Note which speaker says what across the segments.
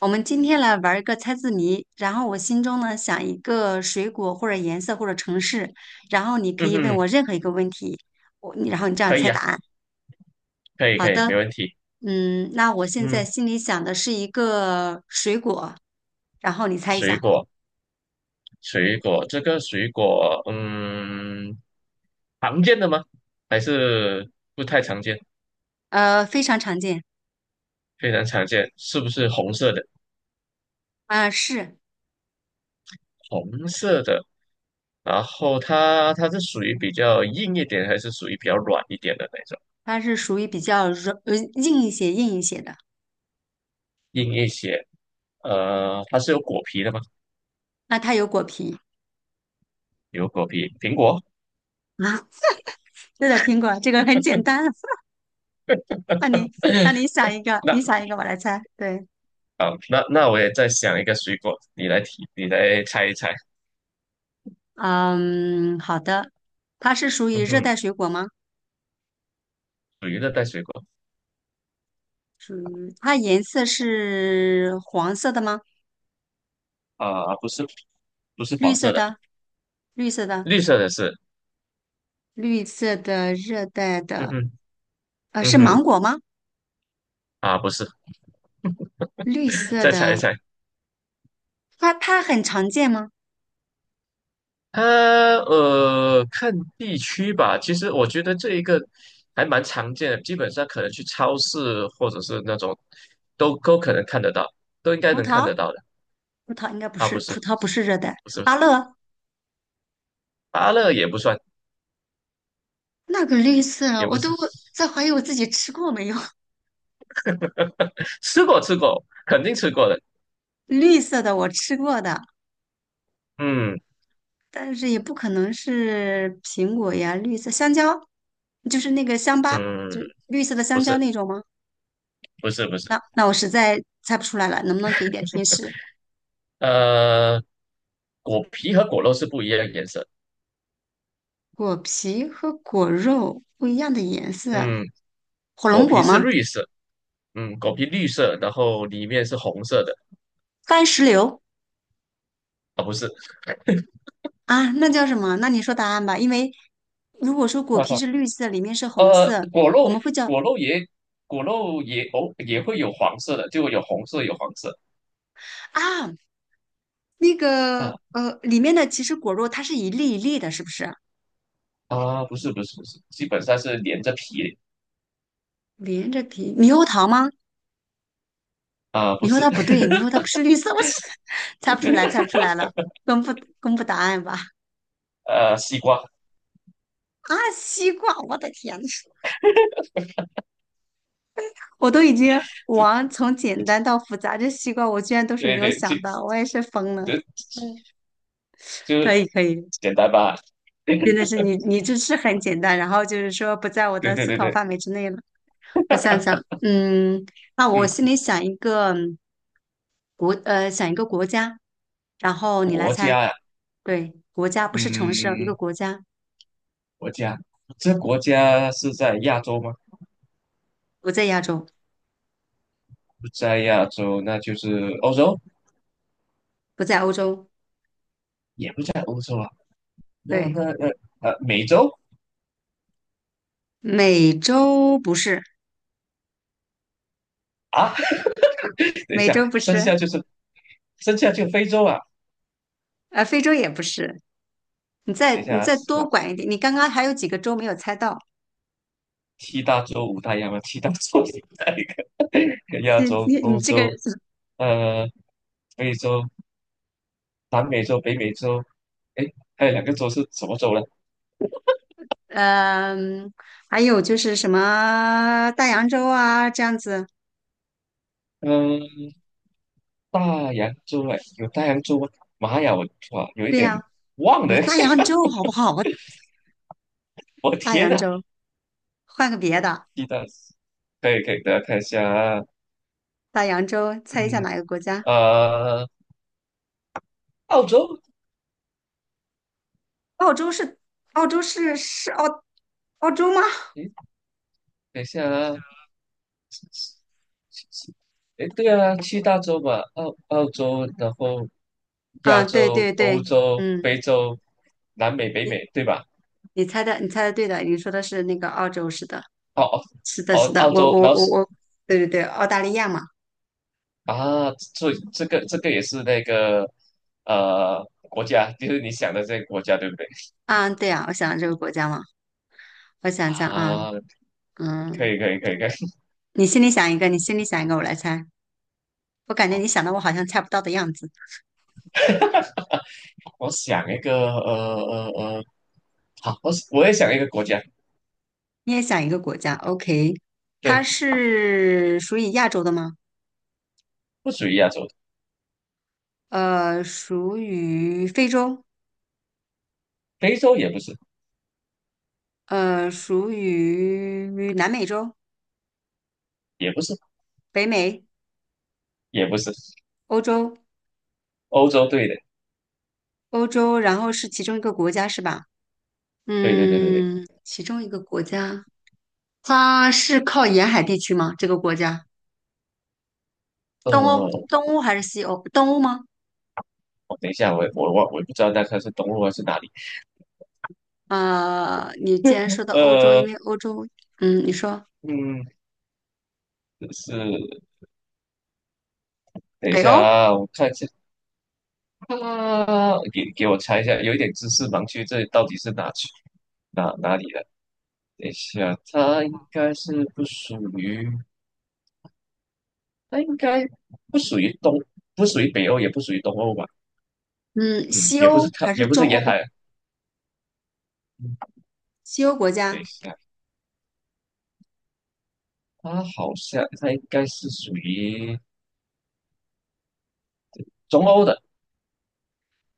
Speaker 1: 我们今天来玩儿一个猜字谜，然后我心中呢想一个水果或者颜色或者城市，然后你可
Speaker 2: 嗯
Speaker 1: 以问
Speaker 2: 哼，
Speaker 1: 我任何一个问题，然后你这样
Speaker 2: 可
Speaker 1: 猜
Speaker 2: 以啊，
Speaker 1: 答案。
Speaker 2: 可以
Speaker 1: 好
Speaker 2: 可以，没
Speaker 1: 的，
Speaker 2: 问题。
Speaker 1: 嗯，那我现在
Speaker 2: 嗯，
Speaker 1: 心里想的是一个水果，然后你猜一
Speaker 2: 水
Speaker 1: 下，
Speaker 2: 果水果，这个水果常见的吗？还是不太常见？
Speaker 1: 非常常见，
Speaker 2: 非常常见，是不是红色的？
Speaker 1: 啊、是，
Speaker 2: 红色的，然后它是属于比较硬一点，还是属于比较软一点的那种？
Speaker 1: 它是属于比较硬一些的，
Speaker 2: 硬一些，它是有果皮的吗？
Speaker 1: 那它有果皮。
Speaker 2: 有果皮，苹果。
Speaker 1: 啊，对的，听过，这个很简单，那你那你想一个，
Speaker 2: 那
Speaker 1: 你想一个，我来猜，对。
Speaker 2: 好，那我也再想一个水果，你来提，你来猜一猜。
Speaker 1: 嗯，好的。它是属于
Speaker 2: 嗯
Speaker 1: 热
Speaker 2: 哼，
Speaker 1: 带水果吗？
Speaker 2: 属于热带水果。
Speaker 1: 属于它颜色是黄色的吗？
Speaker 2: 啊、不是，不是
Speaker 1: 绿
Speaker 2: 黄
Speaker 1: 色
Speaker 2: 色的，
Speaker 1: 的，绿色的，
Speaker 2: 绿色的是，
Speaker 1: 绿色的热带
Speaker 2: 嗯
Speaker 1: 的，
Speaker 2: 哼，嗯
Speaker 1: 是
Speaker 2: 哼，
Speaker 1: 芒果吗？
Speaker 2: 啊，不是，
Speaker 1: 绿色
Speaker 2: 再猜
Speaker 1: 的，
Speaker 2: 一猜，
Speaker 1: 它很常见吗？
Speaker 2: 它看地区吧。其实我觉得这一个还蛮常见的，基本上可能去超市或者是那种都可能看得到，都应该
Speaker 1: 葡
Speaker 2: 能看
Speaker 1: 萄，
Speaker 2: 得到的。
Speaker 1: 葡萄应该不
Speaker 2: 啊，不
Speaker 1: 是，
Speaker 2: 是，
Speaker 1: 葡萄不是热带。
Speaker 2: 不是，不
Speaker 1: 芭
Speaker 2: 是，
Speaker 1: 乐，
Speaker 2: 芭乐也不算，
Speaker 1: 那个绿色，
Speaker 2: 也
Speaker 1: 我
Speaker 2: 不
Speaker 1: 都
Speaker 2: 是，
Speaker 1: 在怀疑我自己吃过没有。
Speaker 2: 吃过吃过，肯定吃过的。
Speaker 1: 绿色的我吃过的，
Speaker 2: 嗯
Speaker 1: 但是也不可能是苹果呀，绿色香蕉，就是那个香巴，
Speaker 2: 嗯，
Speaker 1: 就绿色的
Speaker 2: 不
Speaker 1: 香蕉
Speaker 2: 是，
Speaker 1: 那种吗？
Speaker 2: 不是，不是，
Speaker 1: 那那我实在猜不出来了，能不能给一点提示？
Speaker 2: 呃，果皮和果肉是不一样的颜色。
Speaker 1: 果皮和果肉不一样的颜色，
Speaker 2: 嗯。
Speaker 1: 火
Speaker 2: 果
Speaker 1: 龙
Speaker 2: 皮
Speaker 1: 果
Speaker 2: 是
Speaker 1: 吗？
Speaker 2: 绿色，嗯，果皮绿色，然后里面是红色的
Speaker 1: 番石榴。
Speaker 2: 啊，不是，
Speaker 1: 啊，那叫什么？那你说答案吧，因为如果说 果
Speaker 2: 哈
Speaker 1: 皮
Speaker 2: 哈，
Speaker 1: 是绿色，里面是红
Speaker 2: 呃，
Speaker 1: 色，
Speaker 2: 果
Speaker 1: 我
Speaker 2: 肉
Speaker 1: 们会叫
Speaker 2: 果肉也果肉也也会有黄色的，就有红色有黄色，
Speaker 1: 啊那
Speaker 2: 啊
Speaker 1: 个里面的其实果肉它是一粒一粒的，是不是？
Speaker 2: 啊，不是不是不是，基本上是连着皮
Speaker 1: 连着皮猕猴桃吗？
Speaker 2: 啊，不
Speaker 1: 你说
Speaker 2: 是，
Speaker 1: 它不对，你说它不是绿色，我是 猜不出来，猜不 出来了，公布公布答案吧。
Speaker 2: 西瓜，
Speaker 1: 啊，西瓜，我的天呐，我都已经往从简单到复杂，这西瓜我居然都是没
Speaker 2: 对
Speaker 1: 有
Speaker 2: 对对，
Speaker 1: 想到，我也是疯了。
Speaker 2: 就
Speaker 1: 嗯，
Speaker 2: 就
Speaker 1: 可以可以，
Speaker 2: 简单吧，对
Speaker 1: 真的是你这是很简单，然后就是说不在我
Speaker 2: 对
Speaker 1: 的思
Speaker 2: 对
Speaker 1: 考
Speaker 2: 对，
Speaker 1: 范围之内了。我想想，嗯，那我
Speaker 2: 嗯，
Speaker 1: 心里想一个嗯国呃想一个国家，然后你来
Speaker 2: 国
Speaker 1: 猜，
Speaker 2: 家呀，
Speaker 1: 对，国家不是城市哦一个
Speaker 2: 嗯，
Speaker 1: 国家
Speaker 2: 国家，这国家是在亚洲吗？
Speaker 1: 不在亚洲。
Speaker 2: 不在亚洲，那就是欧洲。
Speaker 1: 不在欧洲，
Speaker 2: 也不在欧洲啊，那
Speaker 1: 对，
Speaker 2: 那那美洲
Speaker 1: 美洲不是，
Speaker 2: 啊，等一
Speaker 1: 美
Speaker 2: 下，
Speaker 1: 洲不是，
Speaker 2: 剩下就非洲啊，
Speaker 1: 非洲也不是。你再
Speaker 2: 等一
Speaker 1: 你
Speaker 2: 下
Speaker 1: 再多
Speaker 2: 我
Speaker 1: 管一点，你刚刚还有几个州没有猜到？
Speaker 2: 七大洲五大洋啊，七大洲五大洋 亚
Speaker 1: 你
Speaker 2: 洲、
Speaker 1: 你你
Speaker 2: 欧
Speaker 1: 这个，
Speaker 2: 洲、呃非洲、南美洲、北美洲，哎，还有两个洲是什么洲呢？
Speaker 1: 嗯、还有就是什么大洋洲啊，这样子。
Speaker 2: 嗯、大洋洲哎，有大洋洲吗？妈呀，哇有一
Speaker 1: 对
Speaker 2: 点
Speaker 1: 呀、
Speaker 2: 忘了，
Speaker 1: 有大洋洲好不好？
Speaker 2: 我
Speaker 1: 大
Speaker 2: 天
Speaker 1: 洋
Speaker 2: 呐，
Speaker 1: 洲，换个别的，
Speaker 2: 七大可以可以，大家看一下啊，
Speaker 1: 大洋洲，猜一下
Speaker 2: 嗯
Speaker 1: 哪个国家？
Speaker 2: 呃澳洲，
Speaker 1: 澳洲是澳洲是是澳澳洲吗？
Speaker 2: 诶，等一下啊。诶，对啊，七大洲嘛，澳洲，然后亚
Speaker 1: 啊，对
Speaker 2: 洲、
Speaker 1: 对
Speaker 2: 欧
Speaker 1: 对，
Speaker 2: 洲、
Speaker 1: 嗯，
Speaker 2: 非洲、南美、北美，对吧？
Speaker 1: 你猜的，你猜的对的，你说的是那个澳洲，是的，
Speaker 2: 哦
Speaker 1: 是的，
Speaker 2: 哦，
Speaker 1: 是的，
Speaker 2: 澳
Speaker 1: 我
Speaker 2: 洲，
Speaker 1: 我
Speaker 2: 然后
Speaker 1: 我
Speaker 2: 是
Speaker 1: 我，对对对，澳大利亚嘛，
Speaker 2: 啊，这个也是那个呃国家，就是你想的这个国家，对不对？
Speaker 1: 啊，对啊，我想这个国家嘛，我想想啊，
Speaker 2: 啊，可
Speaker 1: 嗯，
Speaker 2: 以可以可以可以，
Speaker 1: 你心里想一个，你心里想一个，我来猜，我感 觉
Speaker 2: 好，
Speaker 1: 你想的我好像猜不到的样子，
Speaker 2: 我想一个呃，好，我也想一个国家，
Speaker 1: 你也想一个国家，OK，它
Speaker 2: 对，
Speaker 1: 是属于亚洲的吗？
Speaker 2: 不属于亚洲的，
Speaker 1: 呃，属于非洲，
Speaker 2: 非洲也不是，
Speaker 1: 呃，属于南美洲、
Speaker 2: 也不是，
Speaker 1: 北美、
Speaker 2: 也不是，
Speaker 1: 欧洲，
Speaker 2: 欧洲，对的，
Speaker 1: 欧洲，然后是其中一个国家是吧？
Speaker 2: 对对对对对，
Speaker 1: 嗯，其中一个国家，它是靠沿海地区吗？这个国家，东欧，
Speaker 2: 呃。
Speaker 1: 东欧还是西欧？东欧吗？
Speaker 2: 哦，等一下，我也不知道那它是东路还是哪里。
Speaker 1: 啊，你既然 说到欧洲，因
Speaker 2: 呃，
Speaker 1: 为欧洲，嗯，你说
Speaker 2: 嗯，是，等一
Speaker 1: 北
Speaker 2: 下
Speaker 1: 欧，
Speaker 2: 啊，我看一下啊，给给我猜一下，有一点知识盲区，这到底是哪区哪里的？等一下，它应该不属于东，不属于北欧，也不属于东欧吧？
Speaker 1: 嗯，
Speaker 2: 嗯，
Speaker 1: 西
Speaker 2: 也不是
Speaker 1: 欧
Speaker 2: 它，
Speaker 1: 还是
Speaker 2: 也不是
Speaker 1: 中
Speaker 2: 沿
Speaker 1: 欧？
Speaker 2: 海啊。嗯，
Speaker 1: 西欧国
Speaker 2: 等
Speaker 1: 家，
Speaker 2: 一下，它好像它应该是属于中欧的，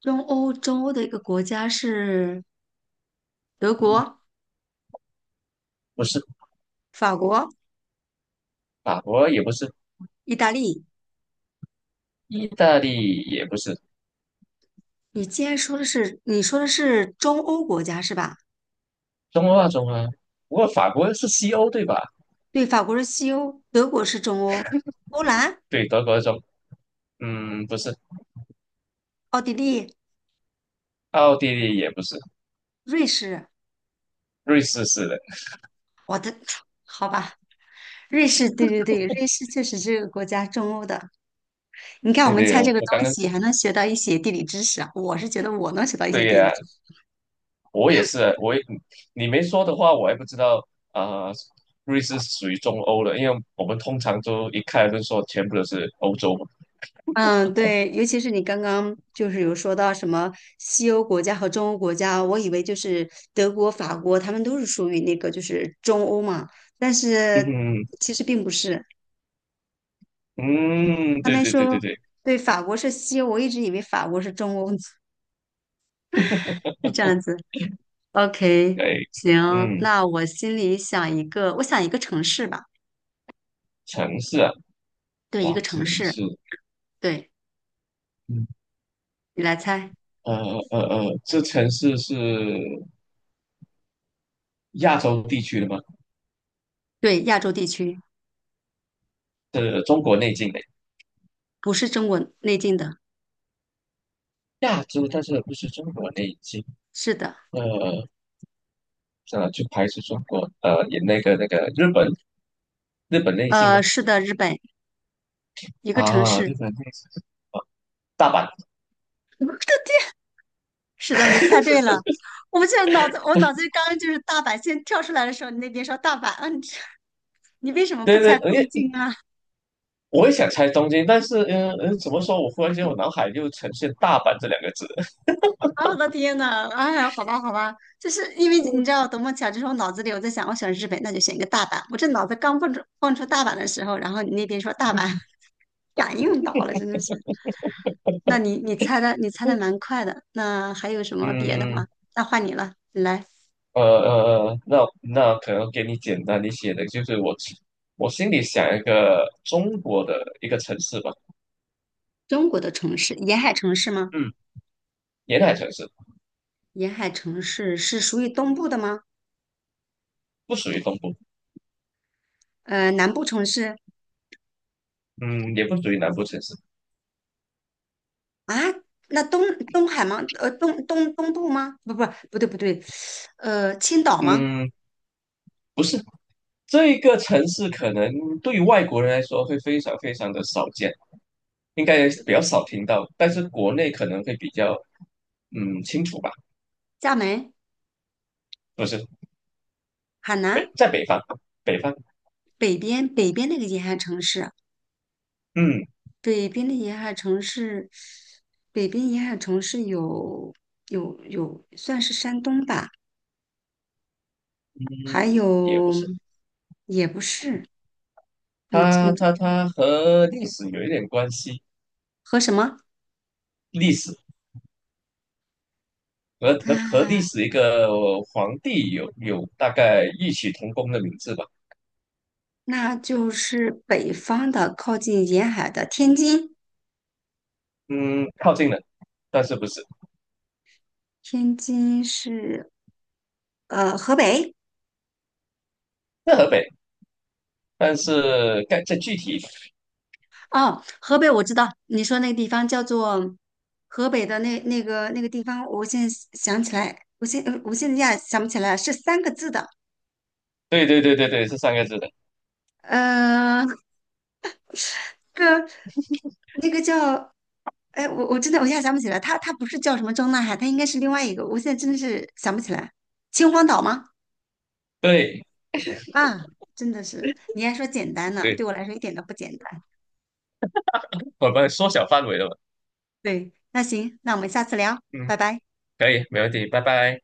Speaker 1: 中欧，中欧的一个国家是德
Speaker 2: 嗯，
Speaker 1: 国、
Speaker 2: 不是
Speaker 1: 法国、
Speaker 2: 法国，也不是
Speaker 1: 意大利。
Speaker 2: 意大利也不是
Speaker 1: 你既然说的是，你说的是中欧国家是吧？
Speaker 2: 中欧啊，中欧啊。不过法国是西欧对吧？
Speaker 1: 对，法国是西欧，德国是中欧，波兰、
Speaker 2: 对，德国中，嗯，不是，
Speaker 1: 奥地利、
Speaker 2: 奥地利也不是，
Speaker 1: 瑞士。
Speaker 2: 瑞士是的。
Speaker 1: 我的，好吧，瑞士，对对对，瑞士确实是个国家中欧的。你看，我
Speaker 2: 对
Speaker 1: 们
Speaker 2: 对，
Speaker 1: 猜
Speaker 2: 我
Speaker 1: 这个
Speaker 2: 我刚
Speaker 1: 东
Speaker 2: 刚
Speaker 1: 西还能学到一些地理知识啊。我是觉得我能学到一
Speaker 2: 对
Speaker 1: 些地理
Speaker 2: 呀、
Speaker 1: 知识。
Speaker 2: 我也你没说的话，我还不知道啊、瑞士是属于中欧的，因为我们通常都一看就说全部都是欧洲嘛。
Speaker 1: 嗯，对，尤其是你刚刚就是有说到什么西欧国家和中欧国家，我以为就是德国、法国，他们都是属于那个就是中欧嘛，但 是
Speaker 2: 嗯
Speaker 1: 其实并不是。
Speaker 2: 嗯，
Speaker 1: 他
Speaker 2: 对
Speaker 1: 们
Speaker 2: 对对对
Speaker 1: 说，
Speaker 2: 对，
Speaker 1: 对，法国是西欧，我一直以为法国是中欧，是这样子。OK，
Speaker 2: 哎，
Speaker 1: 行，
Speaker 2: 嗯，
Speaker 1: 那我心里想一个，我想一个城市吧，
Speaker 2: 城市啊，
Speaker 1: 对，一
Speaker 2: 哇，
Speaker 1: 个
Speaker 2: 城
Speaker 1: 城市，
Speaker 2: 市，
Speaker 1: 对，
Speaker 2: 嗯
Speaker 1: 你来猜，
Speaker 2: 呃这城市是。亚洲地区的吗？
Speaker 1: 对，亚洲地区，
Speaker 2: 是中国内境的
Speaker 1: 不是中国内地的，
Speaker 2: 亚洲，但是不是中国内境？
Speaker 1: 是的，
Speaker 2: 呃，算了，就排除中国，也那个日本日本内境吗？
Speaker 1: 是的，日本一个城
Speaker 2: 啊，日
Speaker 1: 市，
Speaker 2: 本内进大阪，
Speaker 1: 我的天是的，你猜对了，我现在脑子，我脑子里刚刚就是大阪，先跳出来的时候，你那边说大阪，嗯、啊你 你为什么不
Speaker 2: 对对，
Speaker 1: 猜
Speaker 2: 因
Speaker 1: 东
Speaker 2: 为
Speaker 1: 京啊？
Speaker 2: 我也想猜东京，但是嗯嗯，怎么说？我忽然间我脑海就呈现大阪这两个字，
Speaker 1: 啊，我的天呐，哎呀，好吧，好吧，就是因为你知道，多么巧，就是我脑子里我在想，我选日本，那就选一个大阪。我这脑子刚蹦出大阪的时候，然后你那边说大阪，感应到了，真的是。那你猜的，你猜的蛮快的。那还有什么别的
Speaker 2: 嗯
Speaker 1: 吗？那换你了，你来。
Speaker 2: 那那可能给你简单一些的，就是我心里想一个中国的一个城市吧，
Speaker 1: 中国的城市，沿海城市吗？
Speaker 2: 嗯，沿海城市，
Speaker 1: 沿海城市是属于东部的吗？
Speaker 2: 不属于东部。
Speaker 1: 呃，南部城市
Speaker 2: 嗯，也不属于南部城市，
Speaker 1: 啊？那东海吗？呃，东部吗？不对不对，青岛吗？
Speaker 2: 嗯，不是，这个城市可能对于外国人来说会非常非常的少见，应该比较少听到，但是国内可能会比较清楚吧，
Speaker 1: 厦门？
Speaker 2: 不是
Speaker 1: 海
Speaker 2: 北
Speaker 1: 南
Speaker 2: 在北方，北方，
Speaker 1: 北边那个沿海城市，
Speaker 2: 嗯
Speaker 1: 北边的沿海城市，北边沿海城市有有算是山东吧，还
Speaker 2: 嗯，也不
Speaker 1: 有
Speaker 2: 是，
Speaker 1: 也不是，你
Speaker 2: 它
Speaker 1: 你
Speaker 2: 它它和历史有一点关系，
Speaker 1: 和什么
Speaker 2: 历史和历
Speaker 1: 啊？
Speaker 2: 史一个皇帝有大概异曲同工的名字吧，
Speaker 1: 那就是北方的靠近沿海的天津，
Speaker 2: 嗯，靠近了，但是不是，
Speaker 1: 天津是河北。
Speaker 2: 在河北。但是该这具体，
Speaker 1: 哦，河北我知道，你说那个地方叫做河北的那个地方，我现在想起来，我现在一下想不起来，是三个字的，
Speaker 2: 对对对对对，是三个字的，
Speaker 1: 呃，个那个叫，哎，我真的我一下想不起来，它不是叫什么张大海，它应该是另外一个，我现在真的是想不起来，秦皇岛吗？
Speaker 2: 对
Speaker 1: 啊，真的是，你还说简单呢，
Speaker 2: 对，
Speaker 1: 对我来说一点都不简单。
Speaker 2: 我们缩小范围了嘛，
Speaker 1: 对，那行，那我们下次聊，
Speaker 2: 嗯，
Speaker 1: 拜拜。
Speaker 2: 可以，没问题，拜拜。